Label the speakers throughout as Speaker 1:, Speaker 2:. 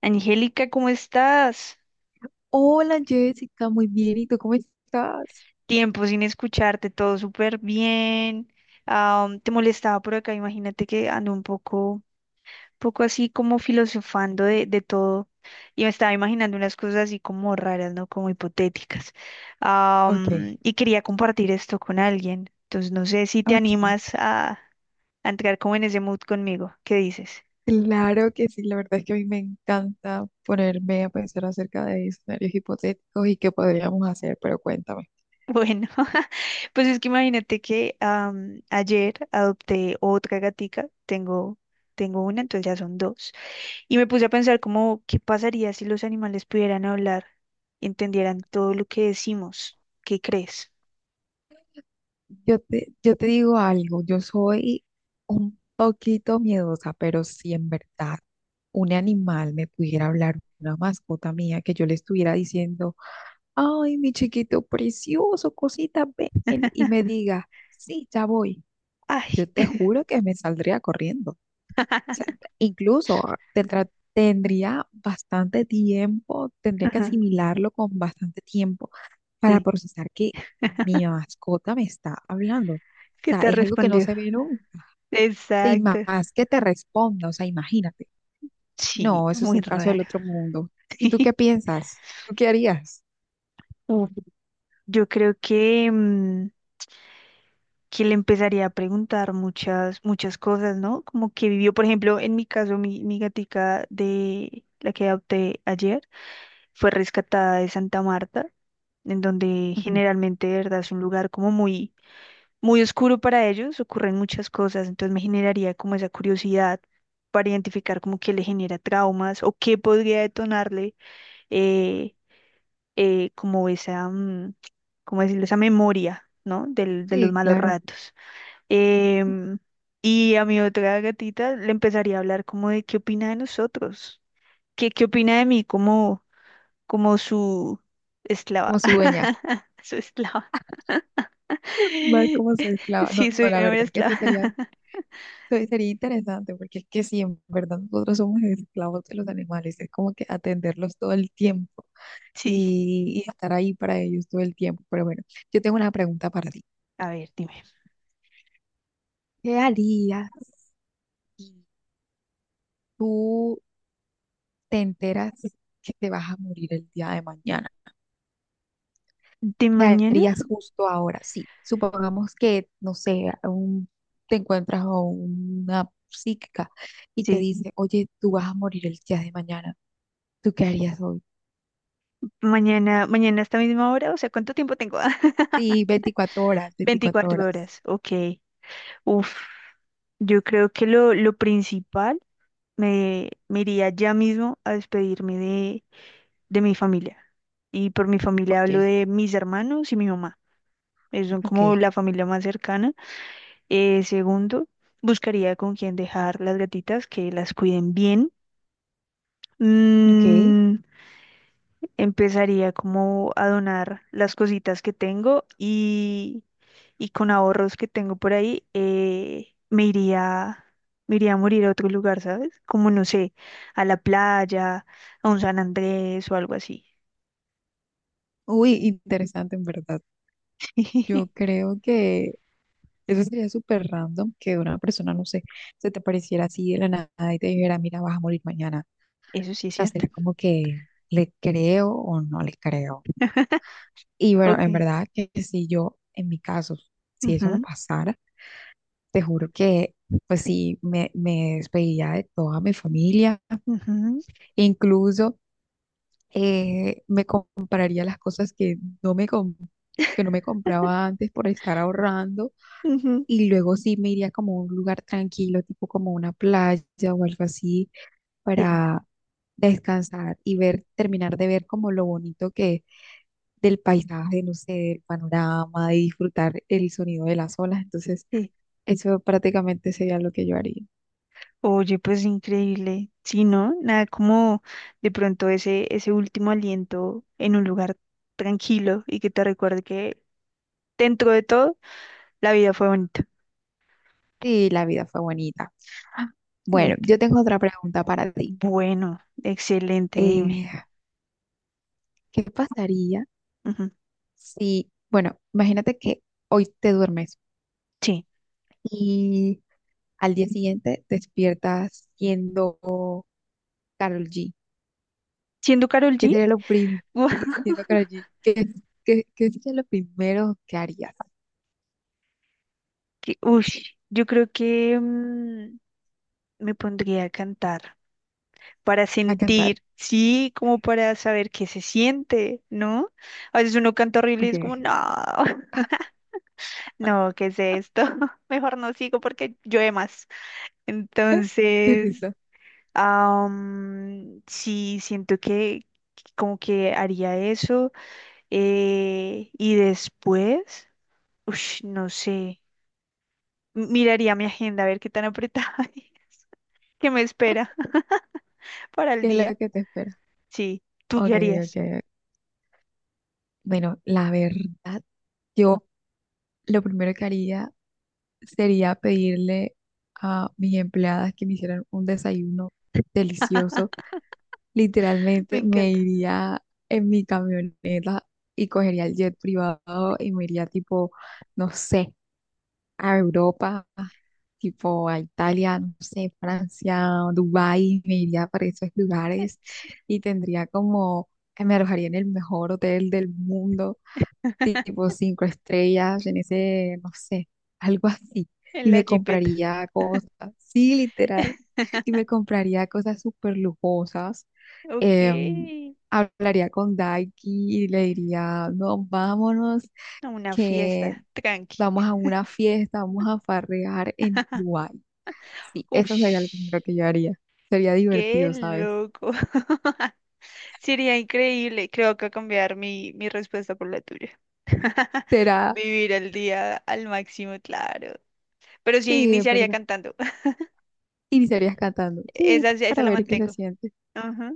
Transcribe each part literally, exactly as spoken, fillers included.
Speaker 1: Angélica, ¿cómo estás?
Speaker 2: Hola Jessica, muy bien. ¿Y tú cómo estás?
Speaker 1: Tiempo sin escucharte, todo súper bien. Ah, um, te molestaba por acá, imagínate que ando un poco, poco así como filosofando de, de todo y me estaba imaginando unas cosas así como raras, ¿no? Como hipotéticas. Ah,
Speaker 2: Ok,
Speaker 1: um, y quería compartir esto con alguien. Entonces, no sé si te
Speaker 2: ok.
Speaker 1: animas a, a entrar como en ese mood conmigo. ¿Qué dices?
Speaker 2: Claro que sí, la verdad es que a mí me encanta ponerme a pensar acerca de escenarios hipotéticos y qué podríamos hacer, pero cuéntame.
Speaker 1: Bueno, pues es que imagínate que am, ayer adopté otra gatica, tengo, tengo una, entonces ya son dos, y me puse a pensar como, ¿qué pasaría si los animales pudieran hablar y entendieran todo lo que decimos? ¿Qué crees?
Speaker 2: Yo te, yo te digo algo, yo soy un poquito miedosa, pero si en verdad un animal me pudiera hablar, una mascota mía, que yo le estuviera diciendo, ay, mi chiquito precioso, cosita, ven, y me diga, sí, ya voy.
Speaker 1: Ay,
Speaker 2: Yo te juro que me saldría corriendo. O sea, incluso tendrá- tendría bastante tiempo, tendría que
Speaker 1: ajá,
Speaker 2: asimilarlo con bastante tiempo para
Speaker 1: sí,
Speaker 2: procesar que mi mascota me está hablando. O
Speaker 1: ¿qué
Speaker 2: sea,
Speaker 1: te
Speaker 2: es algo que no
Speaker 1: respondió?
Speaker 2: se ve nunca. O y más
Speaker 1: Exacto,
Speaker 2: que te responda, o sea, imagínate.
Speaker 1: sí,
Speaker 2: No, eso es
Speaker 1: muy
Speaker 2: un caso del
Speaker 1: raro.
Speaker 2: otro mundo. ¿Y tú qué piensas? ¿Tú qué harías?
Speaker 1: Uf, yo creo que, mm, que le empezaría a preguntar muchas, muchas cosas, ¿no? Como que vivió, por ejemplo, en mi caso, mi, mi gatica de la que adopté ayer fue rescatada de Santa Marta, en donde
Speaker 2: Ujú.
Speaker 1: generalmente, de verdad, es un lugar como muy, muy oscuro para ellos, ocurren muchas cosas, entonces me generaría como esa curiosidad para identificar como qué le genera traumas o qué podría detonarle eh, eh, como esa, mm, como decirlo, esa memoria, ¿no? Del, de los
Speaker 2: Sí,
Speaker 1: malos
Speaker 2: claro,
Speaker 1: ratos. Em, y a mi otra gatita le empezaría a hablar como de qué opina de nosotros, qué, qué opina de mí como, como su
Speaker 2: como
Speaker 1: esclava,
Speaker 2: su dueña,
Speaker 1: su esclava.
Speaker 2: más como su esclava. No,
Speaker 1: Sí, soy
Speaker 2: no, la
Speaker 1: una buena
Speaker 2: verdad es que
Speaker 1: esclava.
Speaker 2: sí sería se- sería interesante porque es que sí, en verdad nosotros somos esclavos de los animales, es como que atenderlos todo el tiempo
Speaker 1: Sí,
Speaker 2: y, y estar ahí para ellos todo el tiempo. Pero bueno, yo tengo una pregunta para ti.
Speaker 1: a ver, dime.
Speaker 2: ¿Qué harías si tú te enteras que te vas a morir el día de mañana?
Speaker 1: ¿De
Speaker 2: ¿Qué
Speaker 1: mañana?
Speaker 2: harías justo ahora? Sí, supongamos que, no sé, un- te encuentras a una psíquica y te
Speaker 1: Sí,
Speaker 2: dice, oye, tú vas a morir el día de mañana. ¿Tú qué harías?
Speaker 1: mañana, mañana a esta misma hora, o sea, ¿cuánto tiempo tengo?
Speaker 2: Sí, veinticuatro horas, veinticuatro
Speaker 1: Veinticuatro
Speaker 2: horas.
Speaker 1: horas, ok. Uf, yo creo que lo, lo principal, me, me iría ya mismo a despedirme de mi familia. Y por mi familia
Speaker 2: Ok,
Speaker 1: hablo de mis hermanos y mi mamá. Ellos son
Speaker 2: ok,
Speaker 1: como la familia más cercana. Eh, segundo, buscaría con quién dejar las gatitas, que las cuiden bien.
Speaker 2: ok.
Speaker 1: Mm, empezaría como a donar las cositas que tengo y, y con ahorros que tengo por ahí, eh, me iría, me iría a morir a otro lugar, ¿sabes? Como no sé, a la playa, a un San Andrés o algo así.
Speaker 2: Uy, interesante en verdad. Yo creo que eso sería súper random que una persona, no sé, se te pareciera así de la nada y te dijera, mira, vas a morir mañana.
Speaker 1: Eso sí
Speaker 2: O
Speaker 1: es
Speaker 2: sea,
Speaker 1: cierto.
Speaker 2: será como que le creo o no le creo. Y bueno,
Speaker 1: Ok.
Speaker 2: en verdad que si yo, en mi caso, si eso me
Speaker 1: Ujú,
Speaker 2: pasara, te juro que, pues sí, me, me despediría de toda mi familia.
Speaker 1: ujú,
Speaker 2: Incluso, eh, me compraría las cosas que no me, com- que no me compraba antes por estar ahorrando
Speaker 1: ujú.
Speaker 2: y luego sí me iría como a un lugar tranquilo, tipo como una playa o algo así,
Speaker 1: Sí,
Speaker 2: para descansar y ver, terminar de ver como lo bonito que del paisaje, no sé, del panorama, y disfrutar el sonido de las olas. Entonces,
Speaker 1: sí.
Speaker 2: eso prácticamente sería lo que yo haría.
Speaker 1: Oye, pues increíble. Sí, ¿no? Nada como de pronto ese, ese último aliento en un lugar tranquilo y que te recuerde que dentro de todo la vida fue bonita.
Speaker 2: Sí, la vida fue bonita.
Speaker 1: Me
Speaker 2: Bueno, yo
Speaker 1: encanta.
Speaker 2: tengo otra pregunta para ti.
Speaker 1: Bueno, excelente,
Speaker 2: Eh,
Speaker 1: dime.
Speaker 2: ¿qué pasaría?
Speaker 1: Ujú,
Speaker 2: Sí, bueno, imagínate que hoy te duermes
Speaker 1: sí.
Speaker 2: y al día siguiente despiertas siendo Carol G.
Speaker 1: Siendo Karol
Speaker 2: ¿Qué
Speaker 1: G,
Speaker 2: sería lo prim Sí, ¿siendo Karol G? ¿Qué, qué- qué sería lo primero que harías?
Speaker 1: que, ush, yo creo que mm, me pondría a cantar, para
Speaker 2: A cantar.
Speaker 1: sentir, sí, como para saber qué se siente, ¿no? A veces uno canta horrible y
Speaker 2: Ok.
Speaker 1: es como, no, no, ¿qué es esto? Mejor no sigo porque llueve más.
Speaker 2: Qué
Speaker 1: Entonces,
Speaker 2: risa.
Speaker 1: am, sí, siento que como que haría eso. eh, y después, ush, no sé, miraría mi agenda a ver qué tan apretada, hay, qué me espera para el
Speaker 2: ¿Qué es lo
Speaker 1: día.
Speaker 2: que te espera?
Speaker 1: Sí, ¿tú
Speaker 2: Ok,
Speaker 1: qué
Speaker 2: ok,
Speaker 1: harías?
Speaker 2: ok. Bueno, la verdad, yo lo primero que haría sería pedirle a mis empleadas que me hicieran un desayuno delicioso.
Speaker 1: Me
Speaker 2: Literalmente me
Speaker 1: encanta.
Speaker 2: iría en mi camioneta y cogería el jet privado y me iría tipo, no sé, a Europa, tipo a Italia, no sé, Francia, Dubái. Me iría para esos lugares y tendría como, me alojaría en el mejor hotel del mundo tipo cinco estrellas en ese, no sé, algo así.
Speaker 1: En
Speaker 2: Y
Speaker 1: la
Speaker 2: me
Speaker 1: jipeta.
Speaker 2: compraría cosas, sí, literal. Y me compraría cosas súper lujosas.
Speaker 1: Ok.
Speaker 2: em, Hablaría con Daiki y le diría, no, vámonos,
Speaker 1: A una
Speaker 2: que
Speaker 1: fiesta. Tranqui.
Speaker 2: vamos a una fiesta, vamos a farrear en Dubái. Sí, eso sería lo primero
Speaker 1: Ush.
Speaker 2: que yo haría. Sería
Speaker 1: Qué
Speaker 2: divertido, ¿sabes?
Speaker 1: loco. Sería increíble. Creo que cambiar mi, mi respuesta por la tuya.
Speaker 2: Será,
Speaker 1: Vivir el día al máximo, claro. Pero sí
Speaker 2: sí, es
Speaker 1: iniciaría
Speaker 2: verdad.
Speaker 1: cantando.
Speaker 2: Iniciarías cantando, sí,
Speaker 1: Esa, sí, esa
Speaker 2: para
Speaker 1: la
Speaker 2: ver qué se
Speaker 1: mantengo.
Speaker 2: siente.
Speaker 1: Ajá,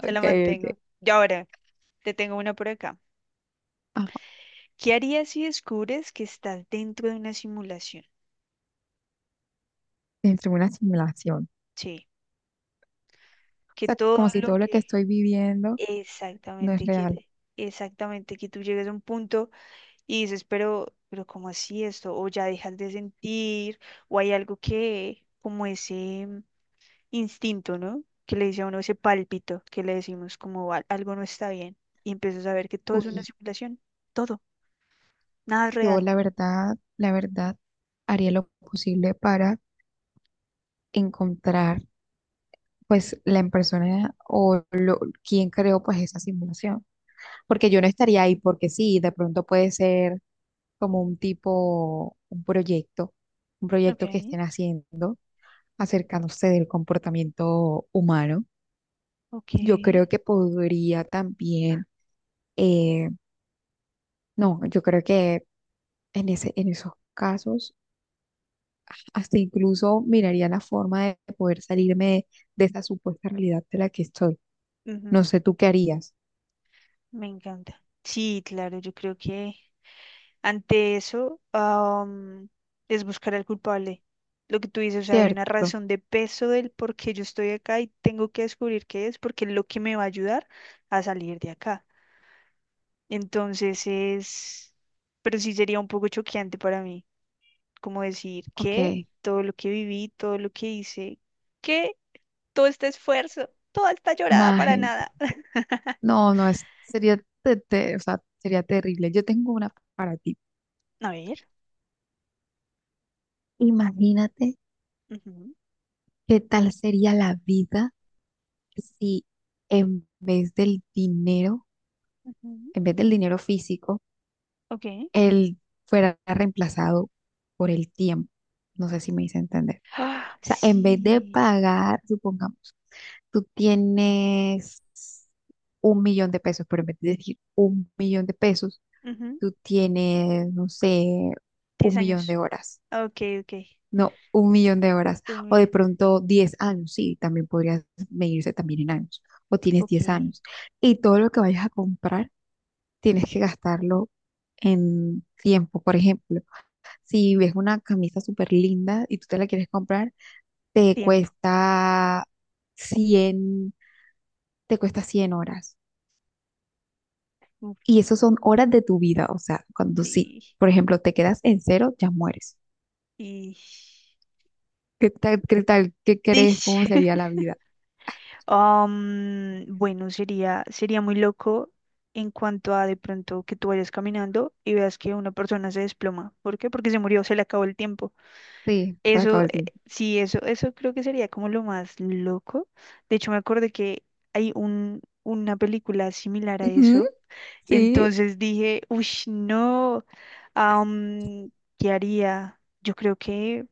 Speaker 1: esa la
Speaker 2: ok.
Speaker 1: mantengo. Y ahora, te tengo una por acá. ¿Qué harías si descubres que estás dentro de una simulación?
Speaker 2: Dentro de una simulación.
Speaker 1: Sí,
Speaker 2: O
Speaker 1: que
Speaker 2: sea,
Speaker 1: todo
Speaker 2: como si
Speaker 1: lo
Speaker 2: todo lo que
Speaker 1: que...
Speaker 2: estoy viviendo no es
Speaker 1: Exactamente que,
Speaker 2: real.
Speaker 1: exactamente que tú llegues a un punto y dices, pero, pero ¿cómo así esto? O ya dejas de sentir, o hay algo que, como ese mm, instinto, ¿no? Que le dice a uno ese pálpito, que le decimos como "Al- algo no está bien", y empiezas a ver que todo es una
Speaker 2: Uy,
Speaker 1: simulación, todo, nada es
Speaker 2: yo
Speaker 1: real.
Speaker 2: la verdad, la verdad, haría lo posible para encontrar pues la persona o lo, quien creó pues esa simulación. Porque yo no estaría ahí porque sí, de pronto puede ser como un tipo, un proyecto, un
Speaker 1: Ok,
Speaker 2: proyecto que estén haciendo acercándose del comportamiento humano.
Speaker 1: ok,
Speaker 2: Yo creo que podría también, eh, no, yo creo que en ese, en esos casos, hasta incluso miraría la forma de poder salirme de, de esa supuesta realidad de la que estoy. No
Speaker 1: ujú,
Speaker 2: sé tú qué harías,
Speaker 1: me encanta. Sí, claro, yo creo que ante eso, am, es buscar al culpable. Lo que tú dices, o sea, hay una
Speaker 2: ¿cierto?
Speaker 1: razón de peso del por qué yo estoy acá y tengo que descubrir qué es, porque es lo que me va a ayudar a salir de acá. Entonces es, pero sí sería un poco choqueante para mí, como decir que
Speaker 2: Ok,
Speaker 1: todo lo que viví, todo lo que hice, que todo este esfuerzo, toda esta llorada para
Speaker 2: imagina.
Speaker 1: nada.
Speaker 2: No, no, es, sería, te- te- o sea, sería terrible. Yo tengo una para ti.
Speaker 1: A ver.
Speaker 2: Imagínate
Speaker 1: Ujú,
Speaker 2: qué tal sería la vida si, en vez del dinero,
Speaker 1: ujú,
Speaker 2: en vez del dinero físico,
Speaker 1: ok.
Speaker 2: él fuera reemplazado por el tiempo. No sé si me hice entender.
Speaker 1: Ah,
Speaker 2: O sea, en vez de
Speaker 1: sí.
Speaker 2: pagar, supongamos, tú tienes un millón de pesos, pero en vez de decir un millón de pesos,
Speaker 1: Ujú,
Speaker 2: tú tienes, no sé,
Speaker 1: diez
Speaker 2: un millón de
Speaker 1: años.
Speaker 2: horas.
Speaker 1: Ah, ok, ok.
Speaker 2: No, un millón de horas.
Speaker 1: Un
Speaker 2: O de
Speaker 1: millón.
Speaker 2: pronto diez años, sí, también podrías medirse también en años. O tienes
Speaker 1: Ok.
Speaker 2: diez años. Y todo lo que vayas a comprar, tienes que gastarlo en tiempo. Por ejemplo, si ves una camisa súper linda y tú te la quieres comprar, te
Speaker 1: Tiempo.
Speaker 2: cuesta cien te cuesta cien horas.
Speaker 1: Uf,
Speaker 2: Y eso son horas de tu vida. O sea, cuando sí,
Speaker 1: sí.
Speaker 2: por ejemplo, te quedas en cero, ya mueres.
Speaker 1: Y.
Speaker 2: ¿Qué tal? ¿Qué tal? ¿Qué crees? ¿Cómo
Speaker 1: Dish.
Speaker 2: sería la vida?
Speaker 1: Am, bueno, sería, sería muy loco en cuanto a de pronto que tú vayas caminando y veas que una persona se desploma. ¿Por qué? Porque se murió, se le acabó el tiempo.
Speaker 2: Sí, se le acabó
Speaker 1: Eso,
Speaker 2: el
Speaker 1: eh,
Speaker 2: tiempo.
Speaker 1: sí, eso, eso creo que sería como lo más loco. De hecho, me acordé que hay un, una película similar a
Speaker 2: Ujú,
Speaker 1: eso.
Speaker 2: sí,
Speaker 1: Entonces dije, uy, no, am, ¿qué haría? Yo creo que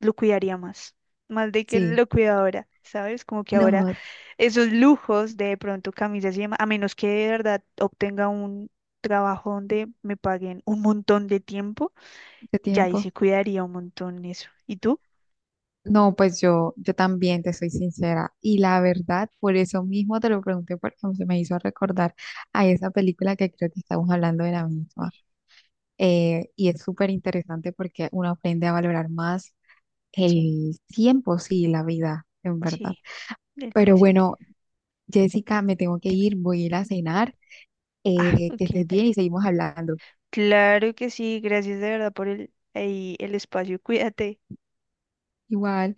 Speaker 1: lo cuidaría más, más de que
Speaker 2: sí.
Speaker 1: lo cuido ahora, ¿sabes? Como que ahora
Speaker 2: No,
Speaker 1: esos lujos de pronto camisas y demás, a menos que de verdad obtenga un trabajo donde me paguen un montón de tiempo,
Speaker 2: de
Speaker 1: ya ahí sí
Speaker 2: tiempo.
Speaker 1: cuidaría un montón eso. ¿Y tú?
Speaker 2: No, pues yo, yo también te soy sincera. Y la verdad, por eso mismo te lo pregunté, porque se me hizo recordar a esa película que creo que estamos hablando de la
Speaker 1: Sí,
Speaker 2: misma. Eh, y es súper interesante porque uno aprende a valorar más
Speaker 1: sí,
Speaker 2: el tiempo, sí, la vida, en verdad.
Speaker 1: sí, del
Speaker 2: Pero
Speaker 1: presente.
Speaker 2: bueno, Jessica, me tengo que
Speaker 1: Dime.
Speaker 2: ir, voy a ir a cenar.
Speaker 1: Ah,
Speaker 2: Eh, que
Speaker 1: ok,
Speaker 2: estés bien
Speaker 1: dale.
Speaker 2: y seguimos hablando.
Speaker 1: Claro que sí, gracias de verdad por el, ahí el espacio. Cuídate.
Speaker 2: Igual.